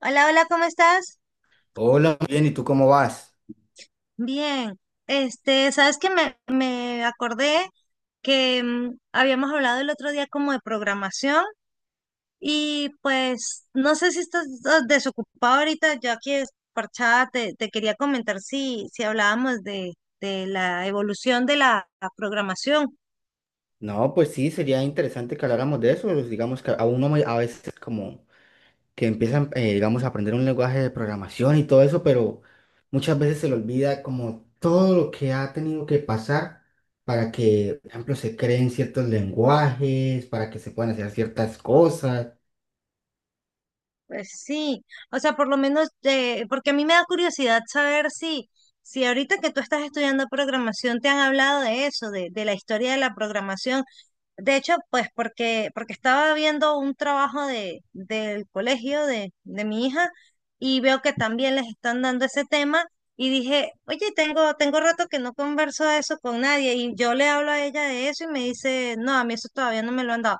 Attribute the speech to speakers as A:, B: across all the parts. A: Hola, hola, ¿cómo estás?
B: Hola, muy bien, ¿y tú cómo vas?
A: Bien. Sabes que me acordé que habíamos hablado el otro día como de programación y pues no sé si estás desocupado ahorita, yo aquí desparchada te quería comentar si hablábamos de la evolución de la programación.
B: No, pues sí, sería interesante que habláramos de eso. Pues, digamos que a uno a veces como que empiezan, digamos, a aprender un lenguaje de programación y todo eso, pero muchas veces se le olvida como todo lo que ha tenido que pasar para que, por ejemplo, se creen ciertos lenguajes, para que se puedan hacer ciertas cosas.
A: Pues sí, o sea, por lo menos, porque a mí me da curiosidad saber si ahorita que tú estás estudiando programación te han hablado de eso, de la historia de la programación. De hecho, pues porque estaba viendo un trabajo del colegio de mi hija y veo que también les están dando ese tema y dije, oye, tengo rato que no converso de eso con nadie y yo le hablo a ella de eso y me dice, no, a mí eso todavía no me lo han dado.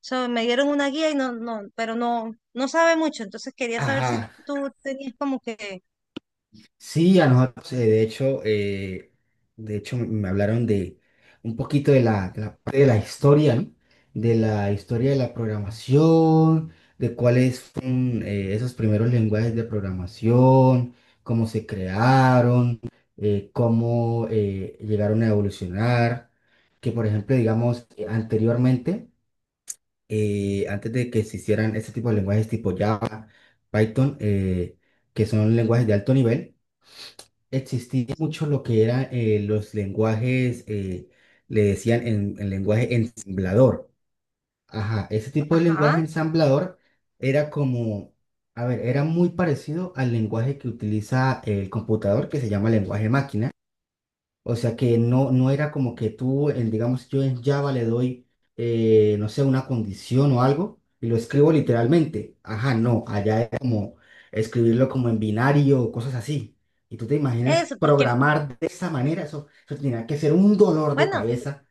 A: O sea, me dieron una guía y no, no, pero no, no sabe mucho. Entonces quería saber si
B: Ajá,
A: tú tenías como que,
B: sí, a nosotros, de hecho me hablaron de un poquito de la parte de la historia, ¿no? De la historia de la programación, de cuáles fueron esos primeros lenguajes de programación, cómo se crearon, cómo llegaron a evolucionar, que por ejemplo, digamos, anteriormente, antes de que se hicieran este tipo de lenguajes tipo Java, Python, que son lenguajes de alto nivel, existía mucho lo que era los lenguajes, le decían el lenguaje ensamblador. Ajá, ese tipo de lenguaje
A: ajá,
B: ensamblador era como, a ver, era muy parecido al lenguaje que utiliza el computador que se llama lenguaje máquina. O sea que no, no era como que tú, digamos, yo en Java le doy, no sé, una condición o algo y lo escribo literalmente. Ajá, no, allá era como escribirlo como en binario o cosas así. Y tú te imaginas
A: eso, porque,
B: programar de esa manera, eso tenía que ser un dolor de
A: bueno.
B: cabeza.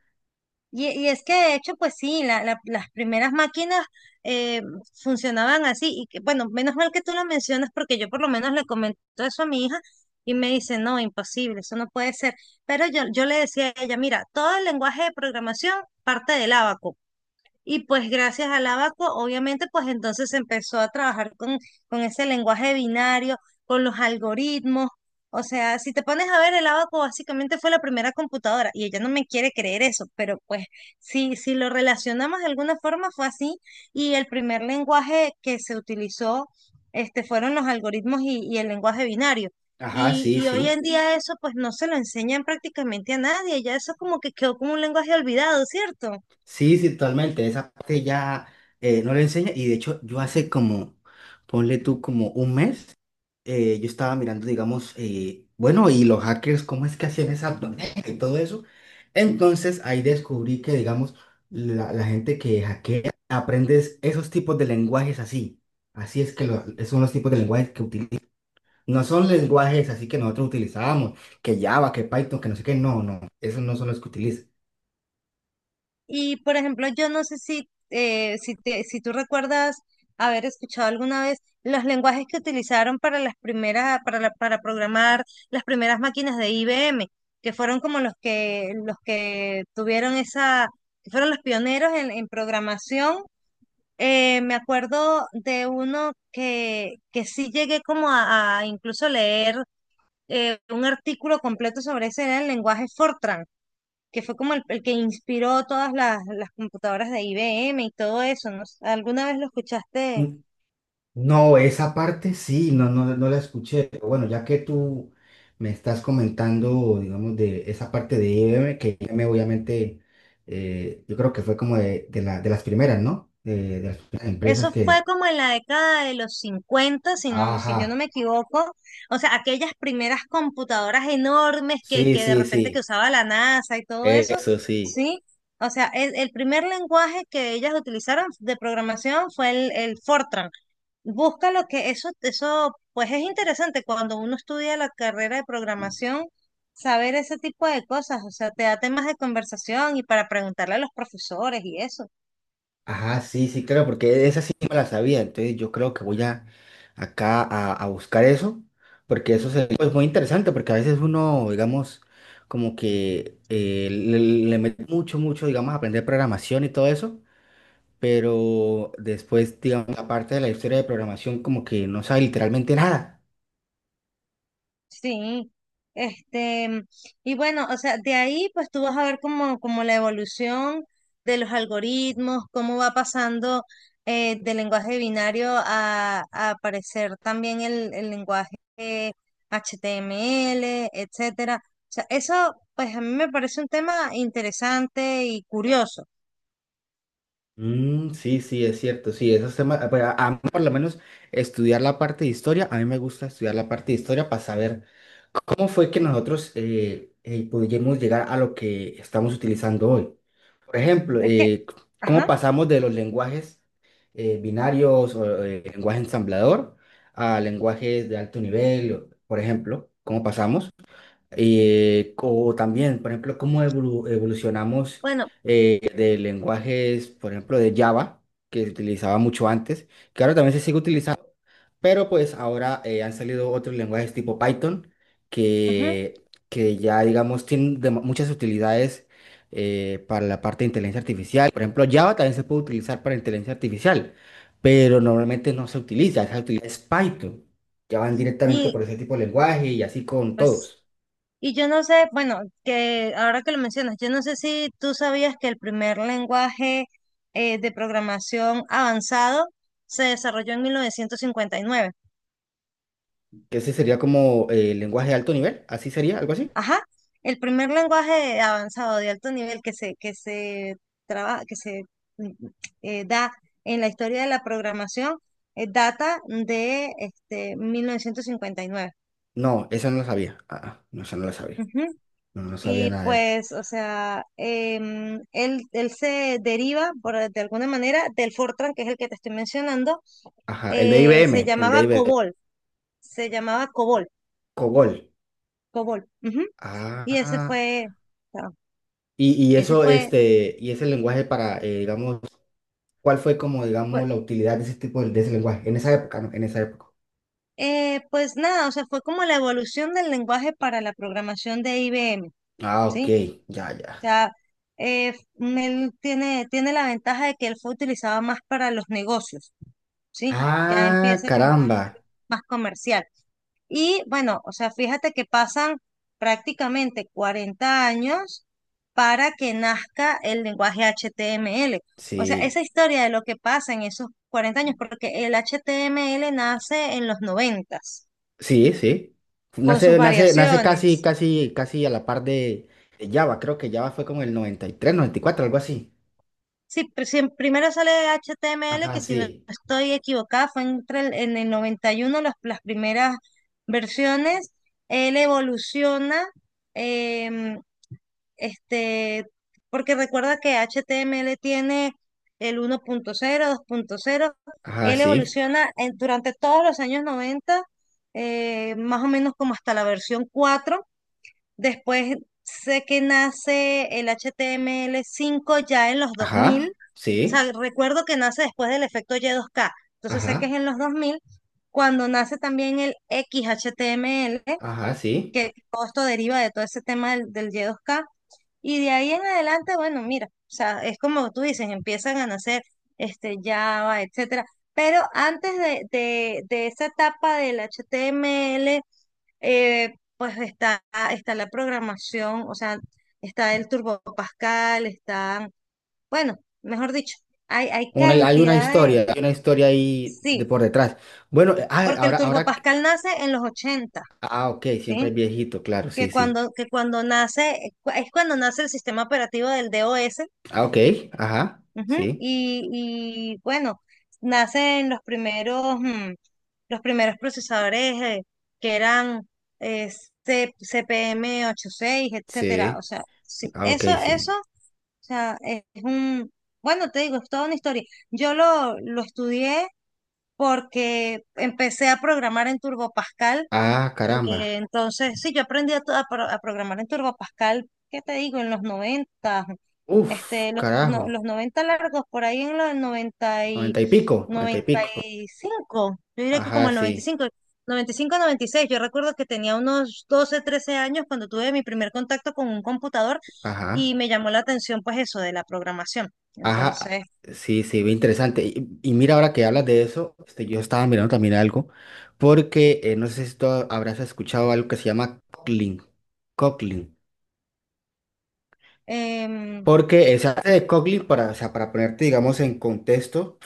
A: Y es que de hecho, pues sí, las primeras máquinas eh, funcionaban así. Y que, bueno, menos mal que tú lo mencionas porque yo por lo menos le comento eso a mi hija y me dice, no, imposible, eso no puede ser. Pero yo le decía a ella, mira, todo el lenguaje de programación parte del ábaco. Y pues gracias al Abaco, obviamente, pues entonces se empezó a trabajar con ese lenguaje binario, con los algoritmos. O sea, si te pones a ver, el Abaco básicamente fue la primera computadora y ella no me quiere creer eso, pero pues si lo relacionamos de alguna forma fue así y el primer lenguaje que se utilizó fueron los algoritmos y el lenguaje binario.
B: Ajá,
A: Y,
B: sí,
A: y hoy
B: sí.
A: en día eso pues no se lo enseñan prácticamente a nadie, ya eso como que quedó como un lenguaje olvidado, ¿cierto?
B: Sí, sí, totalmente. Esa parte ya no le enseña. Y de hecho, yo hace como, ponle tú como un mes, yo estaba mirando, digamos, bueno, y los hackers, ¿cómo es que hacían esa tormenta y todo eso? Entonces ahí descubrí que, digamos, la gente que hackea aprendes esos tipos de lenguajes así. Así es que esos son los tipos de lenguajes que utilizan. No son lenguajes así que nosotros utilizábamos, que Java, que Python, que no sé qué. No, no, esos no son los que utilizan.
A: Y por ejemplo, yo no sé si si tú recuerdas haber escuchado alguna vez los lenguajes que utilizaron para las primeras, para, para programar las primeras máquinas de IBM, que fueron como los que tuvieron esa, que fueron los pioneros en programación. Me acuerdo de uno que sí llegué como a incluso leer un artículo completo sobre ese, era el lenguaje Fortran que fue como el que inspiró todas las computadoras de IBM y todo eso, ¿no? ¿Alguna vez lo escuchaste?
B: No, esa parte sí, no, no, no la escuché. Pero bueno, ya que tú me estás comentando, digamos, de esa parte de IBM, que IBM obviamente, yo creo que fue como de las primeras, ¿no? De las primeras empresas
A: Eso fue
B: que...
A: como en la década de los 50 si no, si yo no
B: Ajá,
A: me equivoco. O sea, aquellas primeras computadoras enormes que,
B: sí,
A: que de
B: sí,
A: repente que
B: sí,
A: usaba la NASA y todo eso,
B: eso sí.
A: ¿sí? O sea, el primer lenguaje que ellas utilizaron de programación fue el Fortran. Busca lo que eso, pues es interesante cuando uno estudia la carrera de programación, saber ese tipo de cosas, o sea, te da temas de conversación y para preguntarle a los profesores y eso.
B: Ajá, sí, sí, claro, porque esa sí me la sabía, entonces yo creo que voy a acá a buscar eso, porque eso es muy interesante, porque a veces uno, digamos, como que le mete mucho, mucho, digamos, a aprender programación y todo eso, pero después, digamos, la parte de la historia de programación como que no sabe literalmente nada.
A: Sí, este, y bueno, o sea, de ahí pues tú vas a ver como, como la evolución de los algoritmos, cómo va pasando del lenguaje binario a aparecer también el lenguaje HTML, etcétera. O sea, eso pues a mí me parece un tema interesante y curioso.
B: Mm, sí, sí, es cierto, sí, esos temas, ah, pero a mí por lo menos estudiar la parte de historia, a mí me gusta estudiar la parte de historia para saber. ¿Cómo fue que nosotros pudimos llegar a lo que estamos utilizando hoy? Por ejemplo,
A: Es que,
B: ¿cómo
A: ajá,
B: pasamos de los lenguajes binarios o lenguaje ensamblador a lenguajes de alto nivel? Por ejemplo, ¿cómo pasamos? O también, por ejemplo, ¿cómo evolucionamos
A: bueno,
B: de lenguajes, por ejemplo, de Java, que se utilizaba mucho antes, que ahora también se sigue utilizando? Pero pues ahora han salido otros lenguajes tipo Python
A: ujú,
B: que, que ya, digamos, tienen muchas utilidades para la parte de inteligencia artificial. Por ejemplo, Java también se puede utilizar para inteligencia artificial, pero normalmente no se utiliza, se utiliza es Python. Ya van directamente
A: y
B: por ese tipo de lenguaje y así con
A: pues,
B: todos.
A: y yo no sé, bueno, que ahora que lo mencionas, yo no sé si tú sabías que el primer lenguaje de programación avanzado se desarrolló en 1959.
B: Que ese sería como lenguaje de alto nivel, así sería, algo así.
A: Ajá, el primer lenguaje avanzado de alto nivel que se traba- que se mm, da en la historia de la programación data de 1959.
B: No, esa no lo sabía. Ah, ah, no, esa no la sabía. No, no sabía
A: Y
B: nada de eso.
A: pues, o sea, él se deriva, por, de alguna manera, del Fortran, que es el que te estoy mencionando,
B: Ajá, el de
A: eh, se
B: IBM, el de
A: llamaba
B: IBM,
A: COBOL, se llamaba COBOL,
B: COBOL.
A: COBOL. Ujú. Y ese
B: Ah,
A: fue, o sea,
B: y
A: ese
B: eso,
A: fue,
B: este, y ese lenguaje para, digamos, ¿cuál fue como, digamos,
A: pues,
B: la utilidad de ese tipo de ese lenguaje? En esa época, ¿no? En esa época.
A: pues nada, o sea, fue como la evolución del lenguaje para la programación de IBM,
B: Ah, ok,
A: ¿sí?
B: ya, ya.
A: O sea, eh, él tiene la ventaja de que él fue utilizado más para los negocios, ¿sí? Ya
B: Ah,
A: empieza como a
B: caramba.
A: darse más comercial. Y bueno, o sea, fíjate que pasan prácticamente 40 años para que nazca el lenguaje HTML. O sea,
B: Sí,
A: esa historia de lo que pasa en esos 40 años, porque el HTML nace en los noventas
B: sí, sí.
A: con sus
B: Nace, nace, nace casi,
A: variaciones.
B: casi, casi a la par de Java. Creo que Java fue como el noventa noventa y tres, noventa y cuatro, algo así.
A: Sí, sí, primero sale HTML,
B: Ajá,
A: que si no
B: sí.
A: estoy equivocada, fue en el 91 las primeras versiones. Él evoluciona em, Este, porque recuerda que HTML tiene el 1.0 2.0.
B: Ajá,
A: Él
B: sí.
A: evoluciona durante todos los años 90 más o menos como hasta la versión cuatro. Después sé que nace el HTML5 ya en los dos mil. O
B: Ajá, sí.
A: sea, recuerdo que nace después del efecto Y2K. Entonces sé que
B: Ajá,
A: es en los dos mil cuando nace también el XHTML,
B: ajá, sí.
A: que todo esto deriva de todo ese tema del Y2K, y de ahí en adelante, bueno, mira, o sea, es como tú dices, empiezan a nacer Java, etcétera. Pero antes de, de esa etapa del HTML, pues está, está la programación, o sea, está el Turbo Pascal, están, bueno, mejor dicho, hay
B: Hay una
A: cantidad de,
B: historia, hay una historia ahí de
A: sí,
B: por detrás. Bueno,
A: porque el
B: ahora,
A: Turbo
B: ahora,
A: Pascal nace en los ochenta,
B: ah, ok, siempre es
A: ¿sí?
B: viejito, claro, sí,
A: Que
B: sí.
A: cuando, que cuando nace, es cuando nace el sistema operativo del DOS.
B: Ah, ok, ajá,
A: Ujú.
B: sí,
A: Y bueno, nacen los primeros, los primeros procesadores que eran eh, cpm ochenta y seis, etcétera. O
B: sí,
A: sea, sí,
B: ah, ok,
A: eso,
B: sí.
A: o sea, es un, bueno, te digo, es toda una historia. Yo lo estudié porque empecé a programar en Turbo Pascal.
B: Ah, caramba.
A: Entonces, sí, yo aprendí a programar en Turbo Pascal, ¿qué te digo? En los noventa,
B: Uf,
A: este, los, no-
B: carajo,
A: los 90 largos, por ahí en los 90 y
B: noventa y pico, noventa y
A: noventa
B: pico.
A: y cinco, yo diría que como
B: Ajá,
A: el noventa
B: sí,
A: noventa y cinco noventa y cinco noventa y seis. Yo recuerdo que tenía unos 12, 13 años cuando tuve mi primer contacto con un computador
B: ajá,
A: y me llamó la atención pues eso de la programación.
B: ajá,
A: Entonces,
B: sí, sí, bien interesante. Y mira, ahora que hablas de eso, este, yo estaba mirando también algo, porque no sé si tú habrás escuchado algo que se llama Cockling.
A: em,
B: Porque esa arte de Coglin, o sea, para ponerte, digamos, en contexto,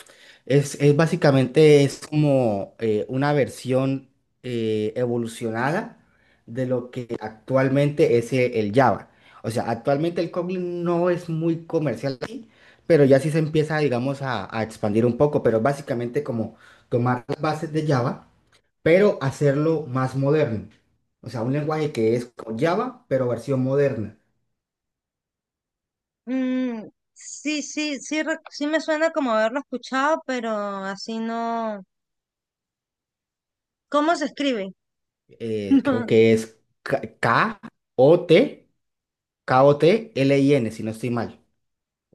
B: es básicamente es como una versión evolucionada de lo que actualmente es el Java. O sea, actualmente el Kotlin no es muy comercial aquí, pero ya sí se empieza, digamos, a expandir un poco, pero básicamente como tomar las bases de Java, pero hacerlo más moderno. O sea, un lenguaje que es como Java, pero versión moderna.
A: mm, sí, sí, sí, sí me suena como haberlo escuchado, pero así no. ¿Cómo se escribe?
B: Creo que es K-O-T, Kotlin, si no estoy mal.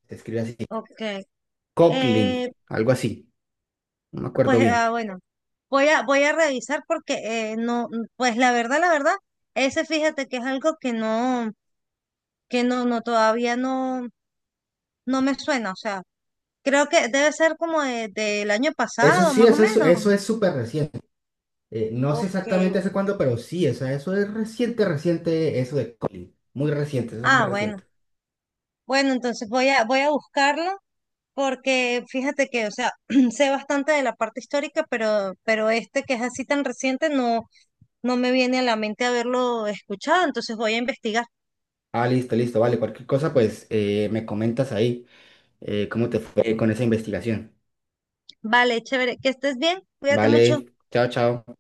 B: Se escribe así.
A: No, ok.
B: Coughlin,
A: Eh,
B: algo así. No me acuerdo
A: pues
B: bien.
A: bueno, voy a, voy a revisar porque no, pues la verdad, ese fíjate que es algo que no, no, todavía no, no me suena. O sea, creo que debe ser como del año
B: Eso
A: pasado,
B: sí,
A: más o
B: eso es,
A: menos.
B: eso es súper reciente. No sé
A: Okay.
B: exactamente hace cuándo, pero sí, o sea, eso es reciente, reciente, eso de Coughlin. Muy reciente, eso es muy
A: Ah,
B: reciente.
A: bueno. Bueno, entonces voy a, voy a buscarlo porque fíjate que, o sea, sé bastante de la parte histórica, pero este que es así tan reciente, no. No me viene a la mente haberlo escuchado, entonces voy a investigar.
B: Ah, listo, listo, vale. Cualquier cosa, pues me comentas ahí cómo te fue con esa investigación.
A: Vale, chévere, que estés bien, cuídate mucho.
B: Vale, chao, chao.